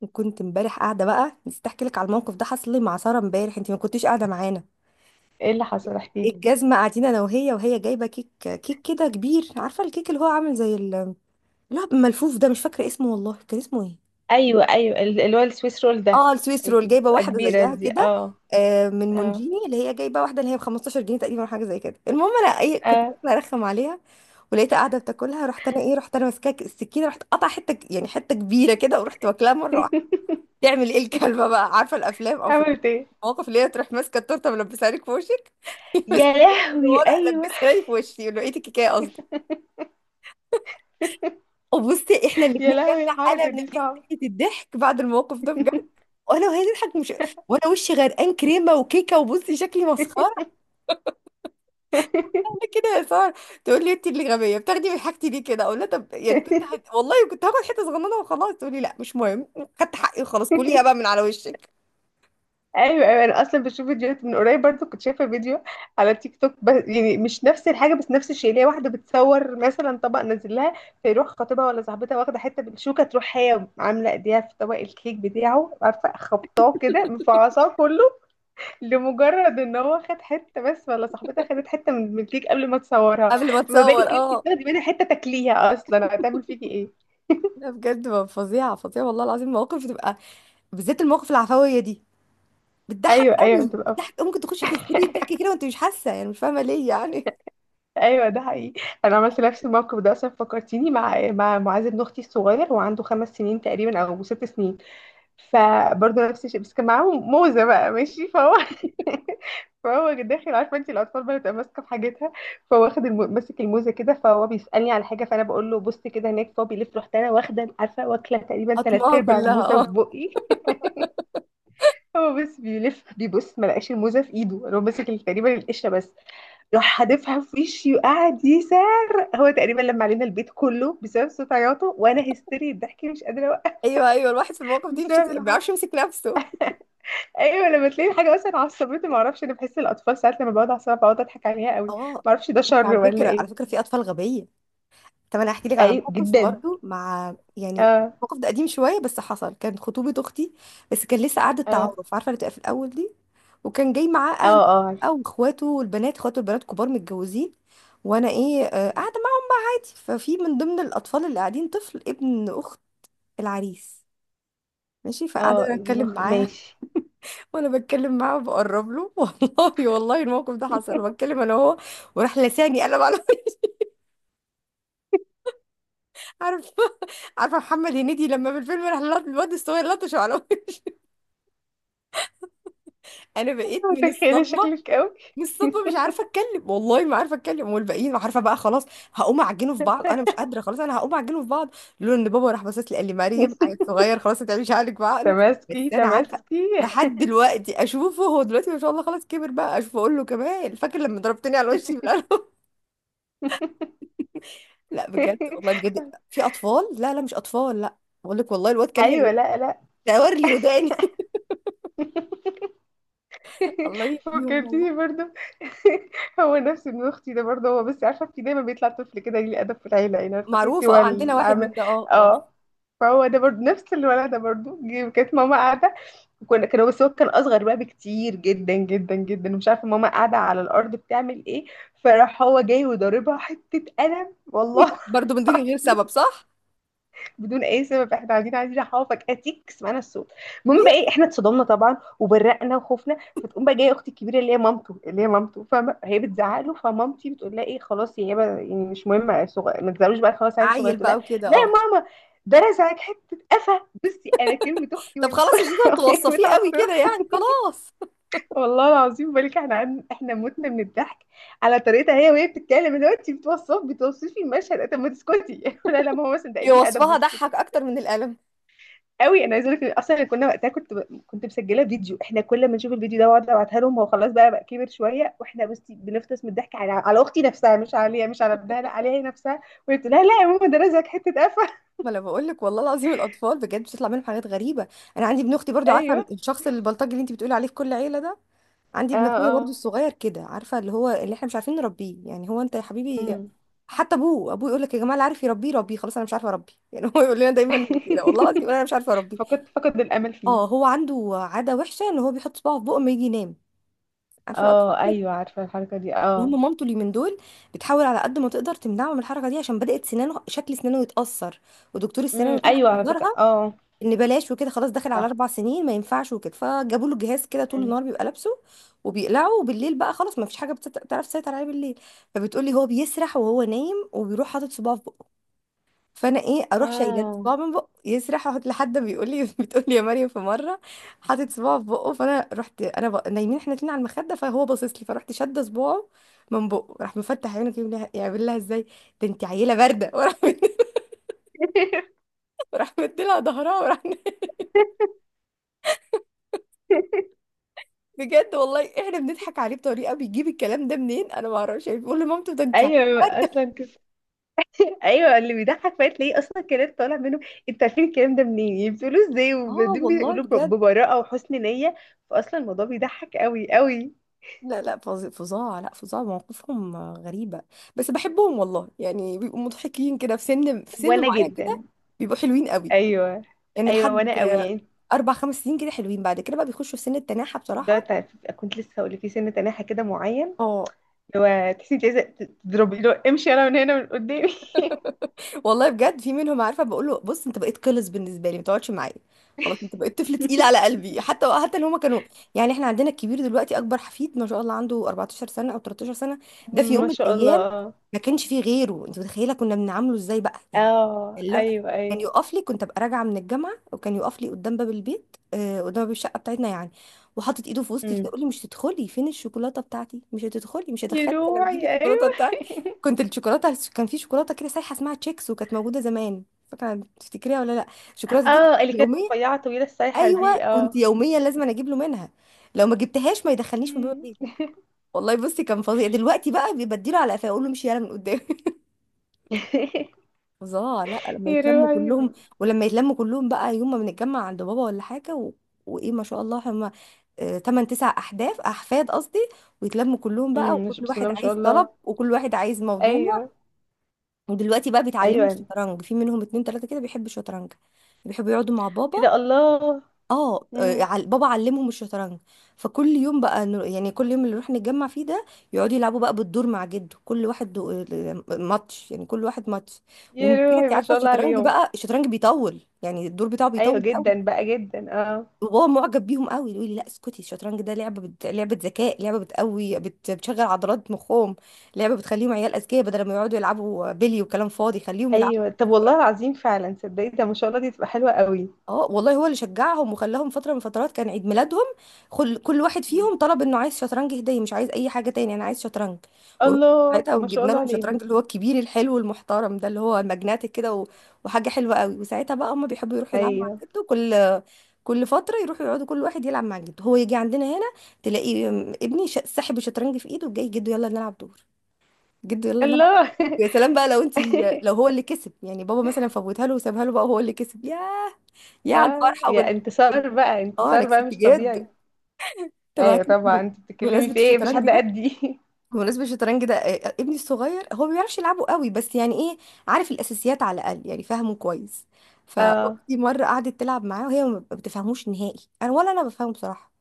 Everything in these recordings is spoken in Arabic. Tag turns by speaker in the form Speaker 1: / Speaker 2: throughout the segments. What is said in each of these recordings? Speaker 1: وكنت امبارح قاعده بقى، نسيت احكي لك على الموقف ده حصل لي مع ساره امبارح، انت ما كنتيش قاعده معانا
Speaker 2: ايه اللي حصل؟ احكي لي.
Speaker 1: الجزمه. قاعدين انا وهي، وهي جايبه كيك كده كبير، عارفه الكيك اللي هو عامل زي اللي هو ملفوف ده، مش فاكره اسمه والله، كان اسمه ايه؟
Speaker 2: ايوه، ايوه، اللي هو السويس رول ده.
Speaker 1: اه، السويس
Speaker 2: اللي
Speaker 1: رول، جايبه
Speaker 2: بتبقى
Speaker 1: واحده
Speaker 2: كبيره
Speaker 1: زيها
Speaker 2: دي،
Speaker 1: كده.
Speaker 2: اه.
Speaker 1: من
Speaker 2: اه.
Speaker 1: مونجيني، اللي هي جايبه واحده اللي هي ب 15 جنيه تقريبا أو حاجه زي كده. المهم انا ايه، كنت
Speaker 2: اه.
Speaker 1: باكل ارخم عليها ولقيتها قاعده بتاكلها، رحت انا ايه، رحت انا ماسكاك السكينه، رحت قطع حته يعني حته كبيره كده ورحت واكلها مره واحده. تعمل ايه الكلبه بقى؟ عارفه الافلام او في
Speaker 2: عملت ايه؟
Speaker 1: مواقف اللي هي تروح ماسكه التورته ملبسها لك في وشك؟
Speaker 2: يا
Speaker 1: ماسكه
Speaker 2: لهوي،
Speaker 1: الورق،
Speaker 2: ايوه.
Speaker 1: لبسها لي في وشي، لقيت الكيكه قصدي. وبصي، احنا
Speaker 2: يا
Speaker 1: الاثنين جالنا
Speaker 2: لهوي،
Speaker 1: حاله
Speaker 2: الحركه
Speaker 1: من
Speaker 2: دي صعبه.
Speaker 1: هستيرية الضحك بعد الموقف ده بجد. وانا وهي تضحك، مش وانا وشي غرقان كريمه وكيكه، وبصي شكلي مسخره. انا كده يا ساره؟ تقول لي انت اللي غبيه، بتاخدي من حاجتي ليه كده؟ اقول لها طب يعني كنت والله كنت هاخد حته صغننه وخلاص، تقول لي لا مش مهم، خدت حقي وخلاص، كليها بقى من على وشك.
Speaker 2: ايوه، ايوه، انا اصلا بشوف فيديوهات من قريب برضو، كنت شايفه فيديو على تيك توك، بس يعني مش نفس الحاجه، بس نفس الشيء، اللي هي واحده بتصور مثلا طبق نازل لها، فيروح خطيبها ولا صاحبتها واخده حته بالشوكه، تروح هي عامله ايديها في طبق الكيك بتاعه، عارفه، خبطاه كده، مفعصاه كله، لمجرد ان هو خد حته بس، ولا صاحبتها خدت حته من الكيك قبل ما تصورها.
Speaker 1: قبل ما
Speaker 2: فما
Speaker 1: تصور
Speaker 2: بالك انت
Speaker 1: اه.
Speaker 2: بتاخدي منها حته تاكليها؟ اصلا هتعمل فيكي ايه؟
Speaker 1: لا بجد فظيعه فظيعه والله العظيم، مواقف بتبقى بالذات المواقف العفويه دي بتضحك
Speaker 2: ايوه، ايوه،
Speaker 1: قوي،
Speaker 2: بتبقى.
Speaker 1: بتضحك ممكن تخشي في هستيريا ضحك كده وانت مش حاسه، يعني مش فاهمه ليه يعني.
Speaker 2: ايوه، ده حقيقي، انا عملت نفس الموقف ده اصلا، فكرتيني مع معاذ ابن اختي الصغير. هو عنده خمس سنين تقريبا او ست سنين. فبرضه نفس الشيء، بس كان معاهم موزة بقى. ماشي، فهو فهو داخل، عارفه انت الاطفال بقى بتبقى ماسكه في حاجتها. فهو واخد ماسك الموزه كده، فهو بيسالني على حاجه، فانا بقول له بص كده هناك. فهو بيلف، رحت انا واخده، عارفه، واكله تقريبا تلات
Speaker 1: اطماها
Speaker 2: ارباع
Speaker 1: كلها
Speaker 2: الموزه في
Speaker 1: اه.
Speaker 2: بقي. هو بس بيلف، بيبص، ما لقاش الموزه في ايده، هو ماسك تقريبا القشره بس. راح حادفها في وشي وقعد يسار. هو تقريبا لما علينا البيت كله بسبب صوت عياطه، وانا هستيري الضحك مش قادره اوقف.
Speaker 1: ايوه ايوه، الواحد في الموقف دي مش
Speaker 2: بسبب
Speaker 1: ما
Speaker 2: العمل.
Speaker 1: بيعرفش يمسك نفسه.
Speaker 2: ايوه، لما تلاقي حاجه مثلا عصبتني ما اعرفش، انا بحس الاطفال ساعات لما بقعد اعصب بقعد اضحك عليها قوي.
Speaker 1: اه.
Speaker 2: ما اعرفش ده
Speaker 1: بس
Speaker 2: شر
Speaker 1: على
Speaker 2: ولا
Speaker 1: فكره، على
Speaker 2: ايه.
Speaker 1: فكره في اطفال غبيه، طب انا هحكي لك على
Speaker 2: ايوه
Speaker 1: موقف
Speaker 2: جدا.
Speaker 1: برضه مع يعني،
Speaker 2: اه.
Speaker 1: الموقف ده قديم شويه بس حصل، كان خطوبه اختي بس كان لسه قعده
Speaker 2: اه.
Speaker 1: تعارف، عارفه اللي بتبقى في الاول دي، وكان جاي معاه
Speaker 2: اه.
Speaker 1: اهله
Speaker 2: اه. عارفة.
Speaker 1: او اخواته، والبنات اخواته البنات كبار متجوزين. وانا ايه، قاعده معاه عادي. ففي من ضمن الاطفال اللي قاعدين طفل ابن اخت العريس. ماشي،
Speaker 2: اه،
Speaker 1: فقاعدة أتكلم معاها
Speaker 2: ماشي.
Speaker 1: وأنا بتكلم معاه وبقرب له. والله والله الموقف ده حصل، بتكلم أنا وهو وراح لساني قلم على عارفة؟ عارفة محمد هنيدي لما في الفيلم راح الواد الصغير لطشه على وجهه. أنا بقيت من
Speaker 2: متخيله
Speaker 1: الصدمة،
Speaker 2: شكلك قوي.
Speaker 1: من الصدمه مش عارفه اتكلم، والله ما عارفه اتكلم، والباقيين ما عارفه بقى خلاص هقوم اعجنه في بعض، انا مش قادره خلاص انا هقوم اعجنه في بعض، لولا ان بابا راح باصص لي قال لي مريم عيل صغير خلاص، ما تعمليش عقلك بعقله. بس
Speaker 2: تماسكي،
Speaker 1: انا عارفه
Speaker 2: تماسكي.
Speaker 1: لحد دلوقتي اشوفه، هو دلوقتي ما شاء الله خلاص كبر بقى، اشوفه اقول له كمان فاكر لما ضربتني على وشي بالقلم؟ لا بجد والله بجد، في اطفال، لا لا مش اطفال لا، بقول لك والله الواد كان لي
Speaker 2: ايوه، لا لا.
Speaker 1: دور
Speaker 2: صح.
Speaker 1: لي وداني. الله يهديهم والله.
Speaker 2: فكرتيني برضه. هو نفس ابن اختي ده برضه، هو بس عارفه في دايما بيطلع طفل كده ليه ادب في العيله، يعني عارفه تحسي
Speaker 1: معروفه
Speaker 2: هو
Speaker 1: اه، عندنا واحد
Speaker 2: العام.
Speaker 1: من ده، اه اه.
Speaker 2: اه. فهو ده برضه نفس الولد ده برضه كانت ماما قاعده. وكنا كانوا، بس هو كان اصغر بقى بكتير، جدا جدا جدا. ومش عارفه ماما قاعده على الارض بتعمل ايه. فراح هو جاي وضاربها حته قلم والله.
Speaker 1: برضه من دون غير سبب
Speaker 2: العظيم.
Speaker 1: صح؟
Speaker 2: بدون اي سبب، احنا قاعدين عايزين احافظك اتيك، سمعنا الصوت. المهم
Speaker 1: ليه
Speaker 2: بقى ايه، احنا اتصدمنا طبعا وبرقنا وخفنا. فتقوم بقى جايه اختي الكبيره اللي هي مامته، فاهمه، هي بتزعق له. فمامتي بتقول لها ايه، خلاص يا هبه، يعني مش مهم، صغير، ما تزعلوش بقى، خلاص عيل صغير.
Speaker 1: عيل
Speaker 2: تقول
Speaker 1: بقى
Speaker 2: لها:
Speaker 1: وكده
Speaker 2: لا يا
Speaker 1: اه.
Speaker 2: ماما، ده رزعك حته قفا. بصي انا كلمه اختي
Speaker 1: طب
Speaker 2: وهي
Speaker 1: خلاص
Speaker 2: بتقول
Speaker 1: يا جديد،
Speaker 2: وهي
Speaker 1: توصفيه قوي
Speaker 2: متعصبه.
Speaker 1: كده يعني خلاص.
Speaker 2: والله العظيم بالك احنا احنا متنا من الضحك على طريقتها هي وهي بتتكلم، اللي هو انت بتوصف، بتوصفي المشهد، طب ما تسكتي؟ لا لا ماما، مثلا ده
Speaker 1: هي
Speaker 2: قليل ادب،
Speaker 1: وصفها ضحك
Speaker 2: واسكتي
Speaker 1: اكتر من القلم.
Speaker 2: قوي. انا عايزه اقول لك اصلا، كنا وقتها كنت كنت مسجله فيديو. احنا كل ما نشوف الفيديو ده واقعد ابعتها لهم، هو خلاص بقى كبر شويه، واحنا بس بنفطس من الضحك على اختي نفسها، مش عليها، مش على ابنها، لا، عليها هي نفسها. وقلت لها لا يا ماما، ده رزقك حته قفا.
Speaker 1: ما انا بقول لك والله العظيم الاطفال بجد بتطلع منهم حاجات غريبه. انا عندي ابن اختي برضو، عارفه
Speaker 2: ايوه.
Speaker 1: الشخص البلطجي اللي انت بتقولي عليه في كل عيله ده، عندي
Speaker 2: اه.
Speaker 1: ابن اخويا برضو
Speaker 2: اه.
Speaker 1: الصغير كده، عارفه اللي هو اللي احنا مش عارفين نربيه يعني، هو انت يا حبيبي
Speaker 2: امم.
Speaker 1: حتى ابوه يقول لك يا جماعه اللي عارف يربيه ربيه، خلاص انا مش عارفه اربيه يعني، هو يقول لنا دايما هو كده والله العظيم، يقول انا مش عارفه اربيه.
Speaker 2: فقد الامل فيه.
Speaker 1: اه، هو عنده عاده وحشه، ان هو بيحط صباعه في بقه لما يجي ينام، عارفه الاطفال.
Speaker 2: اه، ايوه، عارفه الحركه دي، اه.
Speaker 1: المهم مامته اليومين دول بتحاول على قد ما تقدر تمنعه من الحركه دي، عشان بدات سنانه، شكل سنانه يتاثر، ودكتور السنان
Speaker 2: امم،
Speaker 1: وكده
Speaker 2: ايوه على فكره،
Speaker 1: حذرها
Speaker 2: اه.
Speaker 1: ان بلاش وكده، خلاص داخل على
Speaker 2: صح.
Speaker 1: اربع سنين ما ينفعش وكده. فجابوا له جهاز كده طول
Speaker 2: امم.
Speaker 1: النهار بيبقى لابسه وبيقلعه، وبالليل بقى خلاص ما فيش حاجه بتعرف تسيطر عليه بالليل. فبتقولي هو بيسرح وهو نايم وبيروح حاطط صباعه في بقه، فانا ايه، اروح شايله له
Speaker 2: اه.
Speaker 1: صباع من بقه، يسرح احط لحد ما بيقول لي بتقول لي يا مريم في مره حاطط صباعه في بقه، فانا رحت انا نايمين احنا اتنين على المخده، فهو باصص لي، فرحت شاده صباعه من بقه، راح مفتح عينه كده يعمل لها ازاي ده، انت عيله بارده وراح وراح مديلها ظهرها وراح. بجد والله احنا بنضحك عليه بطريقه، بيجيب الكلام ده منين انا ما اعرفش، يعني بيقول لمامته ده انت.
Speaker 2: ايوه اصلا. ايوه، اللي بيضحك فات تلاقيه اصلا الكلام طالع منه. انتوا عارفين الكلام ده منين؟ يعني بتقولوه ازاي؟
Speaker 1: اه
Speaker 2: وبعدين
Speaker 1: والله
Speaker 2: بيقولوا
Speaker 1: بجد.
Speaker 2: ببراءه وحسن نيه. فاصلا الموضوع بيضحك قوي قوي.
Speaker 1: لا لا فظاع، لا فظاع، مواقفهم غريبة، بس بحبهم والله، يعني بيبقوا مضحكين كده في سن، في سن
Speaker 2: وانا
Speaker 1: معين كده،
Speaker 2: جدا.
Speaker 1: بيبقوا حلوين قوي
Speaker 2: ايوه،
Speaker 1: يعني. ايوه
Speaker 2: ايوه
Speaker 1: لحد
Speaker 2: وانا قوي
Speaker 1: أيوة.
Speaker 2: يعني.
Speaker 1: أربع خمس سنين كده حلوين، بعد كده بقى بيخشوا في سن التناحة بصراحة.
Speaker 2: كنت لسه هقول لك في سن تناحه كده معين،
Speaker 1: اه
Speaker 2: اللي هو تحسي انت عايزه تضربي لو امشي انا من هنا من قدامي.
Speaker 1: والله بجد، في منهم عارفه بقول له بص، انت بقيت قلص بالنسبه لي، ما تقعدش معايا خلاص، انت بقيت طفل تقيل على قلبي. حتى حتى اللي هما كانوا يعني، احنا عندنا الكبير دلوقتي، اكبر حفيد ما شاء الله، عنده 14 سنه او 13 سنه، ده في يوم
Speaker 2: ما
Speaker 1: من
Speaker 2: شاء
Speaker 1: الايام
Speaker 2: الله.
Speaker 1: ما كانش فيه غيره، انت متخيله كنا بنعامله ازاي بقى يعني.
Speaker 2: اه.
Speaker 1: اللي هو
Speaker 2: ايوه.
Speaker 1: كان
Speaker 2: ايوه.
Speaker 1: يقف لي، كنت ابقى راجعه من الجامعه وكان يقف لي قدام باب البيت، قدام باب الشقه بتاعتنا يعني، وحاطط ايده في وسطي كده
Speaker 2: امم.
Speaker 1: يقول لي مش تدخلي، فين الشوكولاته بتاعتي؟ مش هتدخلي، مش
Speaker 2: يا
Speaker 1: هدخلك لما
Speaker 2: روحي،
Speaker 1: تجيبي الشوكولاته.
Speaker 2: ايوه.
Speaker 1: كنت الشوكولاته، كان في شوكولاته كده سايحه اسمها تشيكس، وكانت موجوده زمان، فاكره تفتكريها ولا لا؟ الشوكولاته دي كنت
Speaker 2: اه، اللي كانت
Speaker 1: يوميا،
Speaker 2: رفيعه طويله السايحه
Speaker 1: ايوه
Speaker 2: دي، اه.
Speaker 1: كنت يوميا لازم أنا اجيب له منها، لو ما جبتهاش ما يدخلنيش من باب
Speaker 2: مم.
Speaker 1: البيت. والله بصي كان فظيع، دلوقتي بقى بيبديله على قفاه اقول له امشي يالا من قدامي. فظاع، لا لما
Speaker 2: يا
Speaker 1: يتلموا
Speaker 2: روعي.
Speaker 1: كلهم، ولما يتلموا كلهم بقى يوم ما بنتجمع عند بابا ولا حاجه و... وايه ما شاء الله هم تمن تسع احداث احفاد قصدي، ويتلموا كلهم بقى
Speaker 2: مش
Speaker 1: وكل
Speaker 2: بسم الله
Speaker 1: واحد
Speaker 2: ما شاء
Speaker 1: عايز طلب
Speaker 2: الله.
Speaker 1: وكل واحد عايز موضوع.
Speaker 2: ايوه.
Speaker 1: ودلوقتي بقى بيتعلموا
Speaker 2: ايوه، انا.
Speaker 1: الشطرنج، في منهم اتنين تلاتة كده بيحبوا الشطرنج، بيحبوا يقعدوا مع بابا.
Speaker 2: ايه ده، الله.
Speaker 1: اه
Speaker 2: امم.
Speaker 1: بابا علمهم الشطرنج. فكل يوم بقى يعني كل يوم اللي نروح نتجمع فيه ده، يقعدوا يلعبوا بقى بالدور مع جده، كل واحد ماتش يعني، كل واحد ماتش.
Speaker 2: يا
Speaker 1: والمشكلة
Speaker 2: روحي،
Speaker 1: انت
Speaker 2: ما
Speaker 1: عارفة
Speaker 2: شاء الله
Speaker 1: الشطرنج
Speaker 2: عليهم.
Speaker 1: بقى، الشطرنج بيطول، يعني الدور بتاعه
Speaker 2: ايوه
Speaker 1: بيطول قوي،
Speaker 2: جدا بقى، جدا، اه.
Speaker 1: وبابا معجب بيهم قوي، يقول لي لا اسكتي الشطرنج ده لعبة لعبة ذكاء، لعبة بتقوي بتشغل عضلات مخهم، لعبة بتخليهم عيال أذكياء، بدل ما يقعدوا يلعبوا بلي وكلام فاضي خليهم يلعبوا.
Speaker 2: ايوه طب، والله العظيم فعلا، تصدقي ده ما شاء الله دي تبقى حلوه قوي.
Speaker 1: اه والله هو اللي شجعهم وخلاهم، فترة من فترات كان عيد ميلادهم كل واحد
Speaker 2: مم.
Speaker 1: فيهم طلب انه عايز شطرنج هدية، مش عايز اي حاجة تاني، انا عايز شطرنج. ورحت
Speaker 2: الله،
Speaker 1: ساعتها
Speaker 2: ما شاء
Speaker 1: وجبنا
Speaker 2: الله
Speaker 1: لهم
Speaker 2: عليهم.
Speaker 1: شطرنج اللي هو الكبير الحلو المحترم ده، اللي هو ماجناتيك كده و... وحاجة حلوة قوي. وساعتها بقى هما بيحبوا يروحوا يلعبوا مع
Speaker 2: ايوه.
Speaker 1: جده، كل كل فترة يروحوا يقعدوا كل واحد يلعب مع جده، هو يجي عندنا هنا تلاقي ابني ساحب الشطرنج في ايده وجاي جده يلا نلعب دور، جده يلا نلعب.
Speaker 2: الله.
Speaker 1: يا سلام بقى لو انت، لو هو اللي كسب يعني، بابا مثلا فوتها له وسابها له بقى، هو اللي كسب، يا على
Speaker 2: اه،
Speaker 1: الفرحة
Speaker 2: يا انتصار
Speaker 1: وال-
Speaker 2: بقى،
Speaker 1: اه انا
Speaker 2: انتصار بقى
Speaker 1: كسبت
Speaker 2: مش طبيعي.
Speaker 1: جد. طب
Speaker 2: ايوه طبعا، انت بتتكلمي
Speaker 1: بمناسبة
Speaker 2: في ايه، مفيش
Speaker 1: الشطرنج
Speaker 2: حد
Speaker 1: ده،
Speaker 2: قدي.
Speaker 1: بمناسبة الشطرنج ده، ابني الصغير هو ما بيعرفش يلعبه قوي بس، يعني ايه، عارف الاساسيات على الاقل، يعني فاهمه كويس.
Speaker 2: اه،
Speaker 1: فاختي مرة قعدت تلعب معاه، وهي ما بتفهموش نهائي، انا ولا انا بفهمه بصراحة،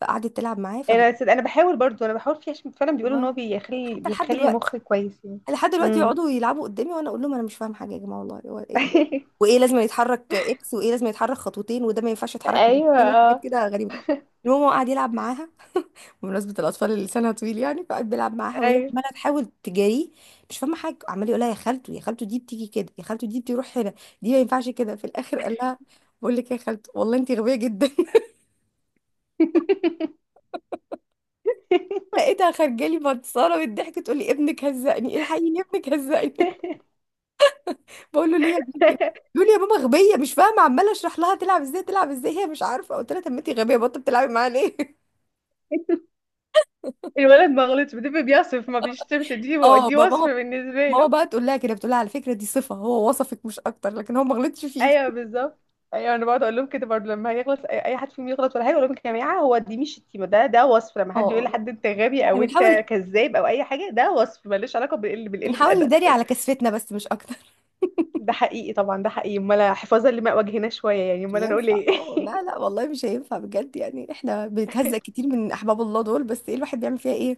Speaker 1: فقعدت تلعب معاه فبت...
Speaker 2: انا صدق، انا بحاول برضو، انا بحاول فيه عشان فعلا بيقولوا ان هو
Speaker 1: ما-
Speaker 2: بيخلي
Speaker 1: حتى لحد
Speaker 2: بيخلي
Speaker 1: دلوقتي،
Speaker 2: المخ كويس يعني.
Speaker 1: لحد دلوقتي
Speaker 2: امم.
Speaker 1: يقعدوا يلعبوا قدامي وانا اقول لهم انا مش فاهم حاجة يا جماعة والله، هو إيه ده؟ وايه لازم يتحرك اكس، وايه لازم يتحرك خطوتين، وده ما ينفعش يتحرك من
Speaker 2: ايوه.
Speaker 1: مكان، وحاجات
Speaker 2: اه.
Speaker 1: كده غريبة. المهم هو قعد يلعب معاها بمناسبة الأطفال اللي لسانها طويل يعني، فقعد بيلعب معاها وهي
Speaker 2: ايوه.
Speaker 1: عمالة تحاول تجاريه، مش فاهمة حاجة، عمال يقولها يا خالته يا خالته دي بتيجي كده، يا خالته دي بتروح هنا، دي ما ينفعش كده. في الآخر قال لها بقول لك يا خالته والله أنت غبية جدا. لقيتها خارجة لي متصالة بالضحك تقول لي ابنك هزقني، الحقيني ابنك هزقني. بقول له ليه يا ابنك كده؟ يقول لي يا ماما غبية، مش فاهمة، عمالة أشرح لها تلعب إزاي تلعب إزاي، هي مش عارفة، قلت لها طب ما أنت غبية، بطل بتلعبي معاها ليه؟
Speaker 2: الولد ما غلطش، بتبقى بيصف ما بيشتمش، دي
Speaker 1: اه
Speaker 2: دي وصف
Speaker 1: بابا
Speaker 2: بالنسبه
Speaker 1: ماما
Speaker 2: له.
Speaker 1: بقى تقول لها كده، بتقول لها على فكرة دي صفة، هو وصفك مش أكتر، لكن هو ما غلطش فيكي.
Speaker 2: ايوه بالظبط. ايوه، انا بقعد اقول لهم كده برضه، لما يغلط أي حد فيهم يغلط ولا حاجه، اقول لهم يا جماعه هو دي مش شتيمه، ده وصف. لما حد يقول
Speaker 1: اه
Speaker 2: لحد انت غبي
Speaker 1: احنا
Speaker 2: او انت
Speaker 1: بنحاول،
Speaker 2: كذاب او اي حاجه، ده وصف ملوش علاقه بالقله
Speaker 1: بنحاول
Speaker 2: الادب.
Speaker 1: نداري على كسفتنا بس مش اكتر.
Speaker 2: ده حقيقي طبعا، ده حقيقي، امال حفاظا لما وجهنا شويه يعني،
Speaker 1: مش
Speaker 2: امال انا اقول
Speaker 1: هينفع
Speaker 2: ايه؟
Speaker 1: اه، لا لا والله مش هينفع بجد، يعني احنا بنتهزق كتير من احباب الله دول، بس ايه، الواحد بيعمل فيها ايه.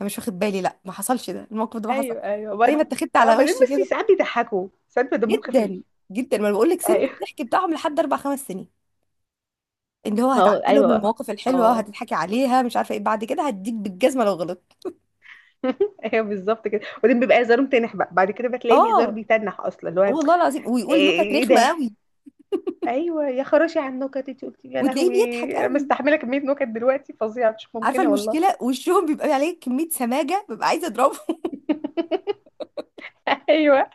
Speaker 1: انا مش واخد بالي، لا ما حصلش ده الموقف ده ما
Speaker 2: ايوه.
Speaker 1: حصلش،
Speaker 2: ايوه
Speaker 1: زي ما اتخذت
Speaker 2: اه
Speaker 1: على
Speaker 2: بعدين
Speaker 1: وشي
Speaker 2: بس
Speaker 1: كده.
Speaker 2: ساعات بيضحكوا، ساعات بيبقى دمهم
Speaker 1: جدا
Speaker 2: خفيف.
Speaker 1: جدا، ما بقول لك سن
Speaker 2: ايوه.
Speaker 1: الضحك بتاعهم لحد اربع خمس سنين، اللي هو
Speaker 2: اه.
Speaker 1: هتعدلهم
Speaker 2: ايوه.
Speaker 1: المواقف الحلوه
Speaker 2: اه.
Speaker 1: وهتضحكي عليها، مش عارفه ايه بعد كده، هديك بالجزمه لو غلطت.
Speaker 2: ايوه بالظبط كده، وبعدين بيبقى هزارهم تنح بقى بعد كده، بتلاقي الهزار
Speaker 1: اه
Speaker 2: بيتنح اصلا، اللي هو
Speaker 1: والله العظيم ويقول نكت
Speaker 2: ايه
Speaker 1: رخمه
Speaker 2: ده؟
Speaker 1: قوي،
Speaker 2: ايوه، يا خراشي على النكت انت قلتي، يا
Speaker 1: وتلاقيه
Speaker 2: لهوي!
Speaker 1: بيضحك
Speaker 2: انا
Speaker 1: قوي.
Speaker 2: مستحمله كميه نكت دلوقتي فظيعه، مش
Speaker 1: عارفه
Speaker 2: ممكنه والله.
Speaker 1: المشكله، وشهم بيبقى عليه كميه سماجه، ببقى عايزه اضربه.
Speaker 2: ايوه.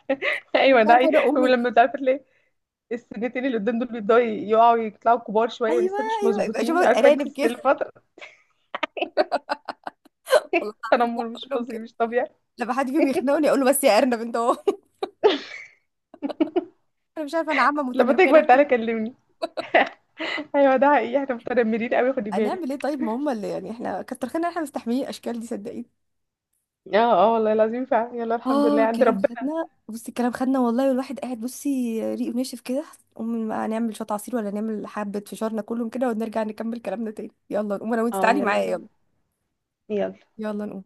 Speaker 1: أنا مش
Speaker 2: ايوه ده
Speaker 1: عارفه
Speaker 2: حقيقي.
Speaker 1: انا
Speaker 2: ولما مش عارفه تلاقي السنتين اللي قدام دول بيبداوا يقعوا يطلعوا كبار شويه،
Speaker 1: ايوه
Speaker 2: لسه مش
Speaker 1: ايوه، يبقى
Speaker 2: مظبوطين،
Speaker 1: شبه
Speaker 2: عارفه انت
Speaker 1: الارانب كده
Speaker 2: الفتره.
Speaker 1: والله العظيم
Speaker 2: التنمر
Speaker 1: بقول
Speaker 2: مش
Speaker 1: لهم
Speaker 2: فظيع،
Speaker 1: كده،
Speaker 2: مش طبيعي.
Speaker 1: لما حد فيهم يخنقني اقول له بس يا ارنب انت اهو. انا مش عارفه انا عامه
Speaker 2: لما تكبر
Speaker 1: متنمره.
Speaker 2: تعالى كلمني. ايوه، ده حقيقي، احنا متنمرين قوي، خدي
Speaker 1: هنعمل ايه
Speaker 2: بالك.
Speaker 1: طيب، ما هم اللي يعني، احنا كتر خيرنا احنا مستحملين الاشكال دي صدقيني.
Speaker 2: اه. اه والله العظيم فعلا. يلا، الحمد لله
Speaker 1: اه
Speaker 2: عند
Speaker 1: الكلام
Speaker 2: ربنا.
Speaker 1: خدنا، بصي الكلام خدنا والله، والواحد قاعد بصي ريقه ناشف كده، قوم بقى نعمل شويه عصير، ولا نعمل حبه فشارنا كلهم كده ونرجع نكمل كلامنا تاني، يلا نقوم انا وانت
Speaker 2: اه،
Speaker 1: تعالي
Speaker 2: يلا
Speaker 1: معايا
Speaker 2: بينا.
Speaker 1: يلا،
Speaker 2: يلا.
Speaker 1: يلا نقوم.